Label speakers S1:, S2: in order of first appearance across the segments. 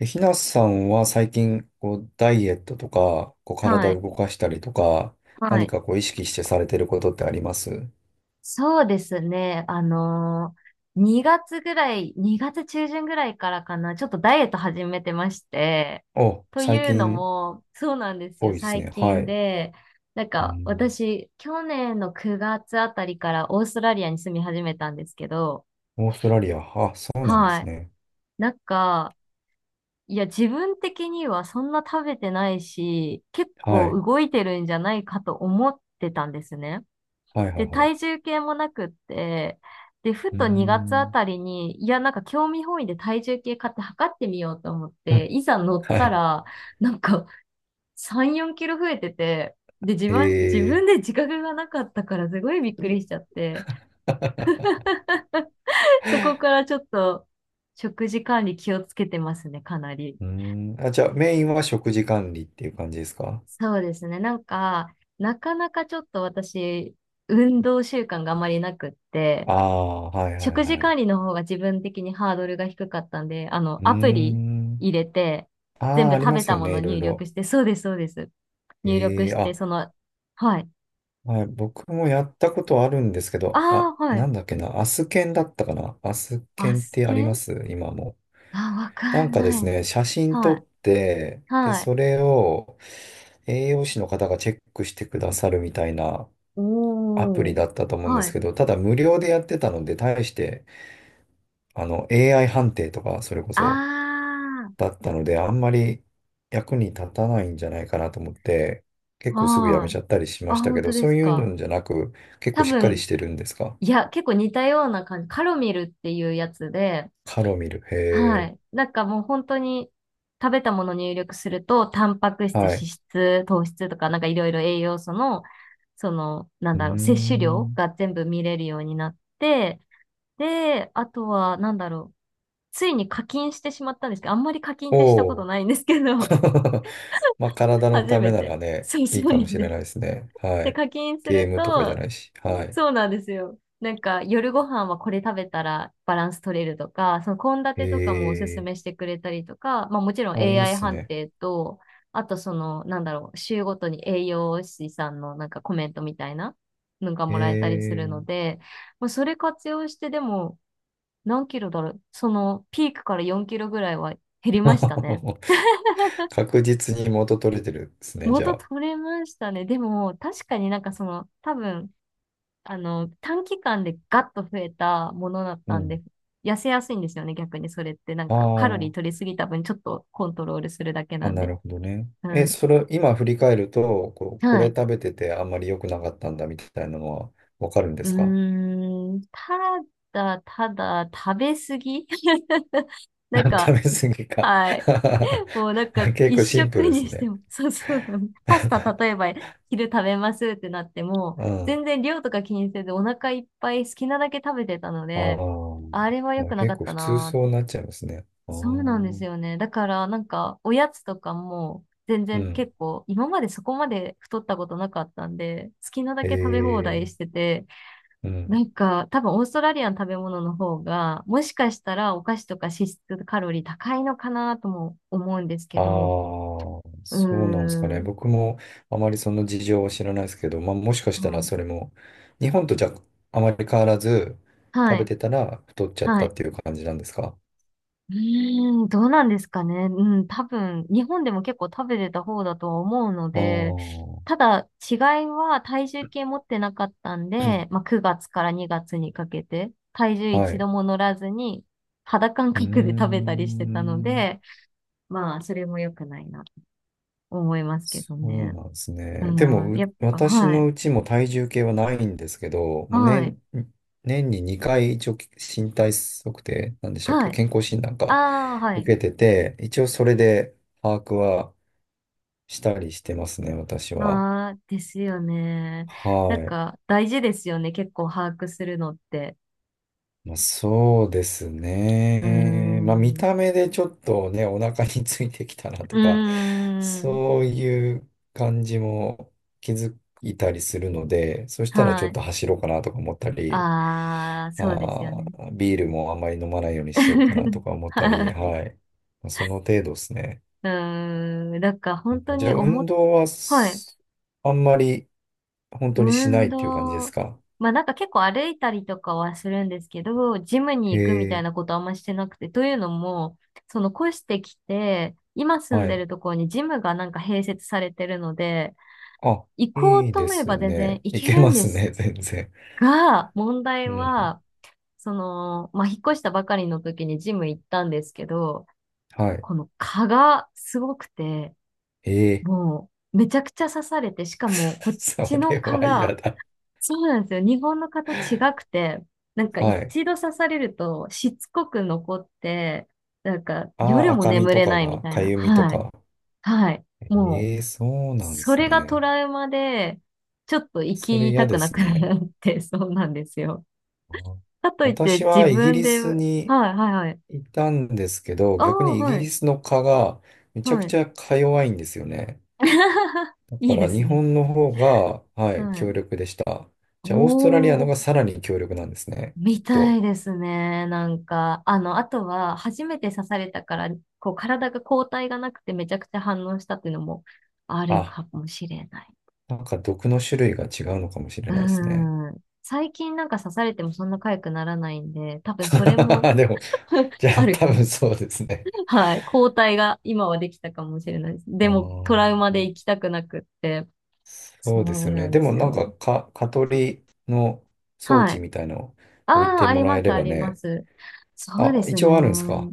S1: えひなさんは最近、ダイエットとか、
S2: は
S1: 体
S2: い、
S1: を動かしたりとか、
S2: は
S1: 何
S2: い。
S1: か意識してされてることってあります？
S2: そうですね。2月ぐらい、2月中旬ぐらいからかな、ちょっとダイエット始めてまして、
S1: お、
S2: と
S1: 最
S2: いうの
S1: 近
S2: も、そうなんです
S1: 多
S2: よ、
S1: いです
S2: 最
S1: ね。は
S2: 近
S1: い。
S2: で、なん
S1: う
S2: か
S1: ん。
S2: 私、去年の9月あたりからオーストラリアに住み始めたんですけど、
S1: オーストラリア。あ、そうなんで
S2: は
S1: す
S2: い。
S1: ね。
S2: なんか、いや、自分的にはそんな食べてないし、結
S1: は
S2: 構
S1: い。
S2: 動いてるんじゃないかと思ってたんですね。
S1: はいは
S2: で、
S1: いはい。
S2: 体重計もなくって、で、ふ
S1: うー
S2: と2月あ
S1: ん。
S2: たりに、いや、なんか興味本位で体重計買って測ってみようと思っ
S1: う
S2: て、
S1: ん、
S2: いざ乗っ
S1: は
S2: た
S1: い。
S2: ら、なんか3、4キロ増えてて、で、自
S1: へ
S2: 分、自分で
S1: え。
S2: 自覚がなかったからすごいびっくりしちゃって、そこからちょっと食事管理気をつけてますね、かなり。
S1: うーん。あ、じゃあ、メインは食事管理っていう感じですか？
S2: そうですね。なんか、なかなかちょっと私、運動習慣があまりなくって、
S1: ああー、はいはい
S2: 食事
S1: はい。
S2: 管理の方が自分的にハードルが低かったんで、あ
S1: う
S2: の、
S1: ー
S2: アプリ
S1: ん。
S2: 入れて、全
S1: ああ、
S2: 部
S1: あり
S2: 食
S1: ま
S2: べ
S1: す
S2: た
S1: よ
S2: も
S1: ね、
S2: の
S1: いろい
S2: 入力
S1: ろ。
S2: して、そうです、そうです。入力
S1: ええ、
S2: して、その、はい。
S1: はい、僕もやったことあるんですけ
S2: あ
S1: ど、あ、
S2: あ、は
S1: な
S2: い。
S1: んだっけな、アスケンだったかな、アスケ
S2: ア
S1: ンっ
S2: ス
S1: てあり
S2: ケ
S1: ま
S2: ン、
S1: す今も？
S2: あ、わ
S1: な
S2: か
S1: ん
S2: ん
S1: かで
S2: な
S1: す
S2: い。
S1: ね、写真撮
S2: はい。
S1: って、で、
S2: はい。
S1: それを栄養士の方がチェックしてくださるみたいなアプ
S2: お
S1: リ
S2: ー。
S1: だったと思うんで
S2: は
S1: す
S2: い。
S1: けど、ただ無料でやってたので、対して、あの、AI 判定とか、それこ
S2: あ
S1: そ、だったので、あんまり役に立たないんじゃないかなと思って、
S2: あ、
S1: 結構すぐやめ
S2: は
S1: ち
S2: い。
S1: ゃったりしま
S2: あ、
S1: した
S2: 本
S1: け
S2: 当
S1: ど、
S2: で
S1: そう
S2: す
S1: いう
S2: か？
S1: のじゃなく、結
S2: 多
S1: 構しっかり
S2: 分、
S1: してるんですか？
S2: いや、結構似たような感じ。カロミルっていうやつで、
S1: ハロミル。
S2: は
S1: へ
S2: い。
S1: え。
S2: なんかもう本当に食べたもの入力すると、タンパク質、脂
S1: はい。
S2: 質、糖質とか、なんかいろいろ栄養素の、その、なん
S1: うー
S2: だろう、摂取量
S1: ん。
S2: が全部見れるようになって、で、あとは、なんだろう、ついに課金してしまったんですけど、あんまり課金ってしたこ
S1: お
S2: と
S1: お。
S2: ないんですけど、
S1: まあ、体 の
S2: 初
S1: ため
S2: め
S1: な
S2: て。
S1: らね、
S2: そうそ
S1: い
S2: う
S1: い
S2: な
S1: かも
S2: ん
S1: し
S2: で
S1: れ
S2: す。
S1: ないですね。は
S2: で、
S1: い。
S2: 課金す
S1: ゲー
S2: る
S1: ムとかじゃ
S2: と、
S1: ないし。はい。
S2: そうなんですよ。なんか、夜ご飯はこれ食べたらバランス取れるとか、その献
S1: へ
S2: 立とかもおすすめし
S1: え。
S2: てくれたりとか、まあもちろん
S1: あ、いいっ
S2: AI
S1: す
S2: 判
S1: ね。
S2: 定と、あとその、なんだろう、週ごとに栄養士さんのなんかコメントみたいなのが
S1: へ
S2: もらえたりする
S1: え。
S2: ので、まあ、それ活用してでも何キロだろう、そのピークから4キロぐらいは減りましたね。
S1: 確実に元取れてるですね、じゃ
S2: 元
S1: あ。
S2: 取れましたね。でも、確かになんかその、多分、あの、短期間でガッと増えたものだっ
S1: う
S2: たん
S1: ん。
S2: で、痩せやすいんですよね、逆にそれって。なんか、カロリー
S1: あ
S2: 取りすぎた分、ちょっとコントロールするだけ
S1: あ。あ、
S2: なん
S1: な
S2: で。
S1: るほどね。
S2: は
S1: え、
S2: い。
S1: それ、今振り返ると、こう、こ
S2: は
S1: れ
S2: い。
S1: 食べててあんまり良くなかったんだみたいなのはわかるんで
S2: う
S1: すか？
S2: ーん、ただ、食べ過ぎ なん
S1: 食
S2: か、
S1: べ過ぎか。
S2: はい。もうなんか、
S1: 結
S2: 一
S1: 構シンプ
S2: 食
S1: ルです
S2: にして
S1: ね。
S2: も、そうそうなの。パスタ、例えば、昼食べますってなっても、
S1: うん。あ
S2: 全然量とか気にせず、お腹いっぱい好きなだけ食べてたので、あれは良
S1: あ、
S2: くな
S1: 結
S2: かっ
S1: 構
S2: た
S1: 普通
S2: なーっ
S1: そう
S2: て。
S1: なっちゃいますね。ああ、
S2: そうなんです
S1: う
S2: よね。だからなんかおやつとかも全然
S1: ん。
S2: 結構今までそこまで太ったことなかったんで好きなだ
S1: え
S2: け食べ放題
S1: え、
S2: してて、
S1: う
S2: な
S1: ん。
S2: んか多分オーストラリアの食べ物の方がもしかしたらお菓子とか脂質カロリー高いのかなとも思うんです
S1: あ
S2: け
S1: あ、
S2: ど、う
S1: そうなんですか
S2: ー
S1: ね。
S2: ん、
S1: 僕もあまりその事情は知らないですけど、まあもしかし
S2: う
S1: たら
S2: ん、
S1: それも、日本とじゃあまり変わらず
S2: は
S1: 食べ
S2: い。
S1: てたら太っちゃっ
S2: は
S1: たっ
S2: い。
S1: ていう感じなんですか？
S2: うーん、どうなんですかね。うん、多分、日本でも結構食べてた方だとは思うの
S1: ああ
S2: で、
S1: ー、
S2: ただ、違いは体重計持ってなかったんで、まあ、9月から2月にかけて、体重
S1: はい。
S2: 一
S1: う
S2: 度も乗らずに、肌感
S1: ー
S2: 覚で食べたりしてたの
S1: ん。
S2: で、まあ、それも良くないな、思いますけ
S1: そ
S2: ど
S1: う
S2: ね。
S1: なんですね。で
S2: うん、
S1: も、
S2: や
S1: う
S2: っぱ、
S1: 私
S2: は
S1: の
S2: い、
S1: うちも体重計はないんですけど、
S2: は
S1: もう
S2: い、
S1: 年、年に2回一応身体測定、なんでしたっ
S2: は
S1: け、
S2: い。
S1: 健康診断
S2: あ
S1: か、
S2: あ、は
S1: 受
S2: い。
S1: けてて、一応それで把握はしたりしてますね、私は。
S2: ああ、ですよね。
S1: は
S2: なん
S1: い。
S2: か、大事ですよね。結構把握するのって。
S1: まあ、そうです
S2: うー
S1: ね。まあ、見
S2: ん。
S1: た目でちょっとね、お腹についてきたな
S2: う
S1: とか、
S2: ーん。
S1: そういう感じも気づいたりするので、そしたらち
S2: は
S1: ょっ
S2: い。
S1: と走ろうかなとか思ったり、
S2: ああ、そうですよ
S1: ま
S2: ね。
S1: あ、ビールもあんまり飲まないようにしようかなと か思った
S2: は
S1: り、
S2: い。
S1: はい。まあその程度ですね。
S2: うーん。なんか本当
S1: じゃ
S2: に
S1: あ、
S2: 思
S1: 運
S2: っ、
S1: 動は
S2: はい。
S1: す、あんまり本当にしない
S2: 運
S1: っていう感じです
S2: 動。
S1: か？
S2: まあなんか結構歩いたりとかはするんですけど、ジムに
S1: へ
S2: 行くみたい
S1: え、
S2: なことあんましてなくて、というのも、その越してきて、今住ん
S1: は
S2: で
S1: い。
S2: るところにジムがなんか併設されてるので、
S1: あ、
S2: 行こう
S1: いい
S2: と
S1: で
S2: 思え
S1: す
S2: ば全然
S1: ね。
S2: 行
S1: い
S2: け
S1: け
S2: るん
S1: ま
S2: で
S1: す
S2: す
S1: ね、全然。
S2: が、問題
S1: うん。
S2: は、その、まあ、引っ越したばかりの時にジム行ったんですけど、
S1: はい。
S2: この蚊がすごくて、
S1: ええ。
S2: もうめちゃくちゃ刺されて、しかもこ っ
S1: そ
S2: ちの
S1: れ
S2: 蚊
S1: は嫌
S2: が、
S1: だ。
S2: そうなんですよ。日本の蚊と違くて、なんか
S1: はい。
S2: 一度刺されるとしつこく残って、なんか
S1: ああ、
S2: 夜も
S1: 赤み
S2: 眠
S1: と
S2: れ
S1: か
S2: ないみ
S1: が、
S2: たい
S1: か
S2: な。
S1: ゆみと
S2: はい。
S1: か。
S2: はい。もう、
S1: ええ、そうなんで
S2: そ
S1: す
S2: れがト
S1: ね。
S2: ラウマで、ちょっと生
S1: それ
S2: き
S1: 嫌
S2: たく
S1: で
S2: なく
S1: すね。
S2: なって、そうなんですよ。
S1: あ、
S2: かといって
S1: 私
S2: 自
S1: はイギ
S2: 分
S1: リ
S2: で、は
S1: ス
S2: い
S1: に
S2: はいはい。
S1: いたんですけど、
S2: あ
S1: 逆
S2: あ、
S1: にイ
S2: は
S1: ギリ
S2: い。
S1: スの蚊がめちゃ
S2: は
S1: く
S2: い。
S1: ちゃか弱いんですよね。だ
S2: い
S1: か
S2: いで
S1: ら
S2: す
S1: 日
S2: ね。
S1: 本の方が、はい、
S2: は
S1: 強
S2: い。
S1: 力でした。
S2: お
S1: じゃあ、オーストラリアの
S2: ー、
S1: がさらに強力なんですね。きっ
S2: みた
S1: と。
S2: いですね。なんか、あの、あとは、初めて刺されたから、こう、体が抗体がなくてめちゃくちゃ反応したっていうのもある
S1: あ、
S2: かもしれない。
S1: なんか毒の種類が違うのかもしれないですね。
S2: うん。最近なんか刺されてもそんな痒くならないんで、多分それも
S1: でも、じゃ
S2: あ
S1: あ
S2: る
S1: 多
S2: かも。
S1: 分そうですね。
S2: はい。抗体が今はできたかもしれないです。
S1: あ
S2: でも、トラウマで
S1: あ、
S2: 行きたくなくって。そ
S1: そうです
S2: う
S1: よ
S2: な
S1: ね。
S2: ん
S1: で
S2: で
S1: も
S2: す
S1: なん
S2: よ。
S1: か、か、蚊取りの装
S2: は
S1: 置
S2: い。
S1: みたいの
S2: あ
S1: 置い
S2: あ、
S1: て
S2: あ
S1: も
S2: り
S1: ら
S2: ま
S1: え
S2: す、
S1: れ
S2: あ
S1: ば
S2: りま
S1: ね。
S2: す。そうで
S1: あ、
S2: す
S1: 一
S2: ね。
S1: 応あるんですか？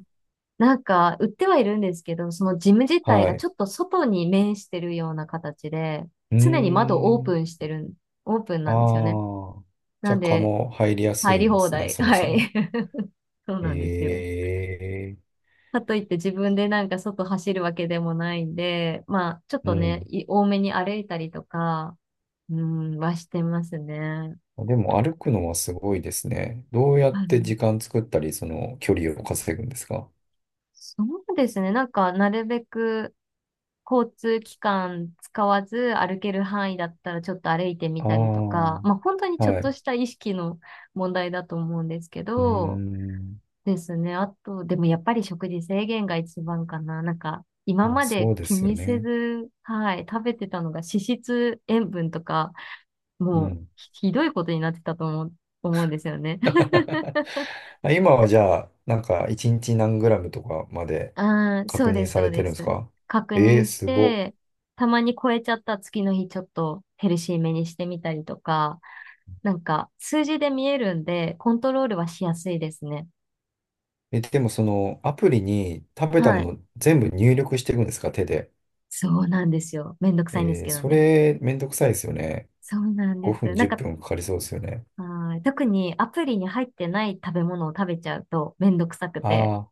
S2: なんか、売ってはいるんですけど、そのジム自体
S1: は
S2: が
S1: い。
S2: ちょっと外に面してるような形で、
S1: うー
S2: 常に窓オープ
S1: ん。
S2: ンしてるん、オープン
S1: あ
S2: なんですよね。
S1: あ。じ
S2: な
S1: ゃ
S2: ん
S1: あ蚊
S2: で、
S1: も入りやす
S2: 入
S1: い
S2: り
S1: んで
S2: 放
S1: すね、
S2: 題。
S1: そも
S2: は
S1: そ
S2: い。
S1: も。
S2: そうなんですよ。
S1: ええ、
S2: かといって自分でなんか外走るわけでもないんで、まあ、ちょっ
S1: う
S2: とね、
S1: ん。
S2: い多めに歩いたりとか、うん、はしてますね。
S1: でも歩くのはすごいですね。どうやっ
S2: はい。
S1: て時間作ったり、その距離を稼ぐんですか？
S2: そうですね。なんか、なるべく、交通機関使わず歩ける範囲だったらちょっと歩いてみ
S1: ああ
S2: たりとか、
S1: ー。
S2: まあ本当に
S1: は
S2: ちょっ
S1: い。
S2: と
S1: う
S2: した意識の問題だと思うんですけ
S1: ー
S2: ど、
S1: ん。
S2: ですね。あと、でもやっぱり食事制限が一番かな。なんか、今
S1: まあ、
S2: まで
S1: そうで
S2: 気
S1: すよ
S2: にせ
S1: ね。
S2: ず、はい、食べてたのが脂質、塩分とか、
S1: う
S2: もう
S1: ん。
S2: ひどいことになってたと思うんですよね。
S1: まあ今はじゃあ、なんか1日何グラムとかまで
S2: ああ、そ
S1: 確
S2: う
S1: 認
S2: です、
S1: さ
S2: そ
S1: れ
S2: う
S1: て
S2: で
S1: るんです
S2: す。
S1: か？
S2: 確
S1: えー、
S2: 認し
S1: すご
S2: て、
S1: っ。
S2: たまに超えちゃった次の日ちょっとヘルシーめにしてみたりとか、なんか、数字で見えるんで、コントロールはしやすいですね。
S1: え、でもそのアプリに食べた
S2: は
S1: も
S2: い。
S1: の全部入力していくんですか手で。
S2: そうなんですよ。めんどくさいんです
S1: えー、
S2: けど
S1: そ
S2: ね。
S1: れめんどくさいですよね。
S2: そうなんで
S1: 5
S2: す。
S1: 分、
S2: なん
S1: 10
S2: か、
S1: 分かかりそうですよね。
S2: はい、特にアプリに入ってない食べ物を食べちゃうとめんどくさくて。
S1: ああ、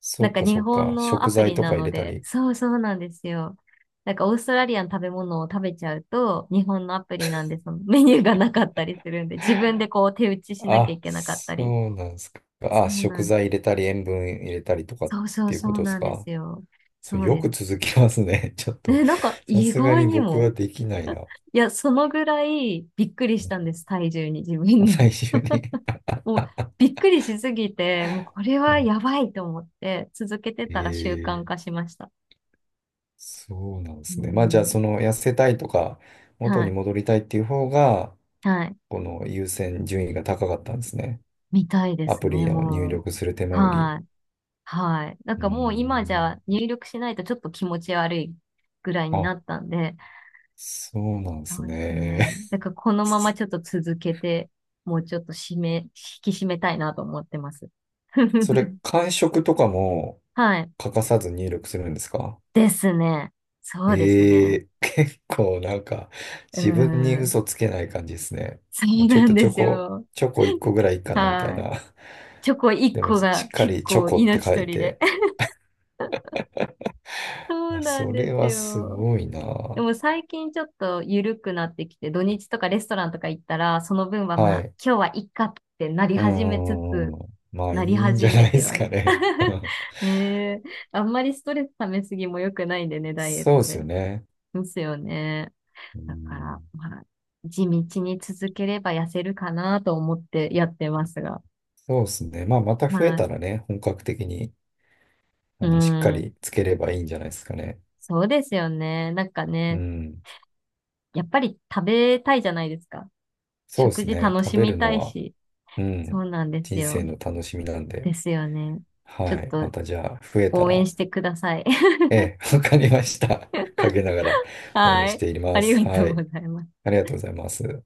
S1: そ
S2: な
S1: っ
S2: んか
S1: か
S2: 日
S1: そっ
S2: 本
S1: か。
S2: のア
S1: 食
S2: プ
S1: 材
S2: リ
S1: と
S2: な
S1: か入
S2: の
S1: れた
S2: で、
S1: り。
S2: そうそうなんですよ。なんかオーストラリアの食べ物を食べちゃうと、日本のアプリなんでそのメニューがなかったりするんで、自分でこう手打ちしなきゃい
S1: あ、
S2: けなかった
S1: そ
S2: り。
S1: うなんですか。
S2: そ
S1: あ、
S2: う
S1: 食
S2: なん、
S1: 材入れたり、塩分入れたりとかっ
S2: そうそう
S1: ていう
S2: そ
S1: こ
S2: う
S1: とです
S2: なんで
S1: か？
S2: すよ。
S1: それ
S2: そう
S1: よ
S2: です。
S1: く続きますね。ちょっと、
S2: ね、なんか
S1: さ
S2: 意
S1: すが
S2: 外
S1: に
S2: に
S1: 僕は
S2: も、
S1: できないな。
S2: いや、そのぐらいびっくりしたんです、体重に、自分に。
S1: 最終 に。
S2: もうびっくりしすぎて、もうこれはや
S1: は
S2: ばいと思って、続けて
S1: い、
S2: たら習慣
S1: え
S2: 化
S1: ー、
S2: しました。
S1: そうなんです
S2: う
S1: ね。まあじゃあ、そ
S2: ん。
S1: の痩せたいとか、元
S2: は
S1: に
S2: い。
S1: 戻りたいっていう方が、
S2: はい。
S1: この優先順位が高かったんですね。
S2: みたいで
S1: ア
S2: す
S1: プ
S2: ね、
S1: リを入
S2: もう。
S1: 力する手間より。
S2: はい。はい。なん
S1: うー
S2: かもう今じ
S1: ん。
S2: ゃ入力しないとちょっと気持ち悪いぐらいにな
S1: あ、
S2: ったんで、
S1: そうなんです
S2: そうです
S1: ね。
S2: ね。だからこのまま ちょっと続けて、もうちょっと締め、引き締めたいなと思ってます。
S1: それ、感触とかも
S2: はい。
S1: 欠かさず入力するんですか？
S2: ですね。そうです
S1: え
S2: ね。
S1: え。 結構なんか
S2: う
S1: 自分に
S2: ん。
S1: 嘘つけない感じですね。
S2: そ
S1: も
S2: う
S1: うちょっ
S2: なん
S1: とチ
S2: で
S1: ョ
S2: す
S1: コ、
S2: よ。
S1: チョコ1個ぐらいいいかなみたい
S2: はい。
S1: な。
S2: チョコ 1
S1: でも
S2: 個
S1: しっ
S2: が
S1: か
S2: 結
S1: りチョ
S2: 構
S1: コって
S2: 命
S1: 書い
S2: 取りで。
S1: て。
S2: そう
S1: あ、
S2: なん
S1: そ
S2: で
S1: れ
S2: す
S1: はす
S2: よ。
S1: ごい
S2: で
S1: な。
S2: も最近ちょっと緩くなってきて、土日とかレストランとか行ったら、その分はま
S1: は
S2: あ、
S1: い。
S2: 今日はいっかってなり
S1: うー
S2: 始めつつ、
S1: ん。まあい
S2: なり
S1: いんじ
S2: 始
S1: ゃ
S2: め
S1: ないで
S2: て、
S1: す
S2: は
S1: か
S2: い。
S1: ね。
S2: ねえ。あんまりストレス溜めすぎも良くないんでね、ダイエッ
S1: そうで
S2: ト
S1: す
S2: で。
S1: よね。
S2: ですよね。
S1: う
S2: だから、
S1: ん、
S2: まあ、地道に続ければ痩せるかなと思ってやってますが。
S1: そうですね。まあまた増え
S2: は
S1: た
S2: い。
S1: らね、本格的に
S2: う
S1: あのしっか
S2: ん。
S1: りつければいいんじゃないですかね。
S2: そうですよね。なんか
S1: う
S2: ね、
S1: ん。
S2: やっぱり食べたいじゃないですか。
S1: そうで
S2: 食
S1: す
S2: 事
S1: ね。
S2: 楽
S1: 食
S2: し
S1: べ
S2: み
S1: る
S2: た
S1: の
S2: い
S1: は。
S2: し。
S1: う
S2: そう
S1: ん。
S2: なんです
S1: 人生
S2: よ。
S1: の楽しみなんで。
S2: ですよね。
S1: は
S2: ちょっ
S1: い。
S2: と
S1: またじゃあ、増えた
S2: 応援
S1: ら、
S2: してください。
S1: ええ、わかりました。陰ながら応援
S2: は
S1: し
S2: い。
S1: てい
S2: あ
S1: ま
S2: り
S1: す。
S2: が
S1: は
S2: とうご
S1: い。
S2: ざいます。
S1: ありがとうございます。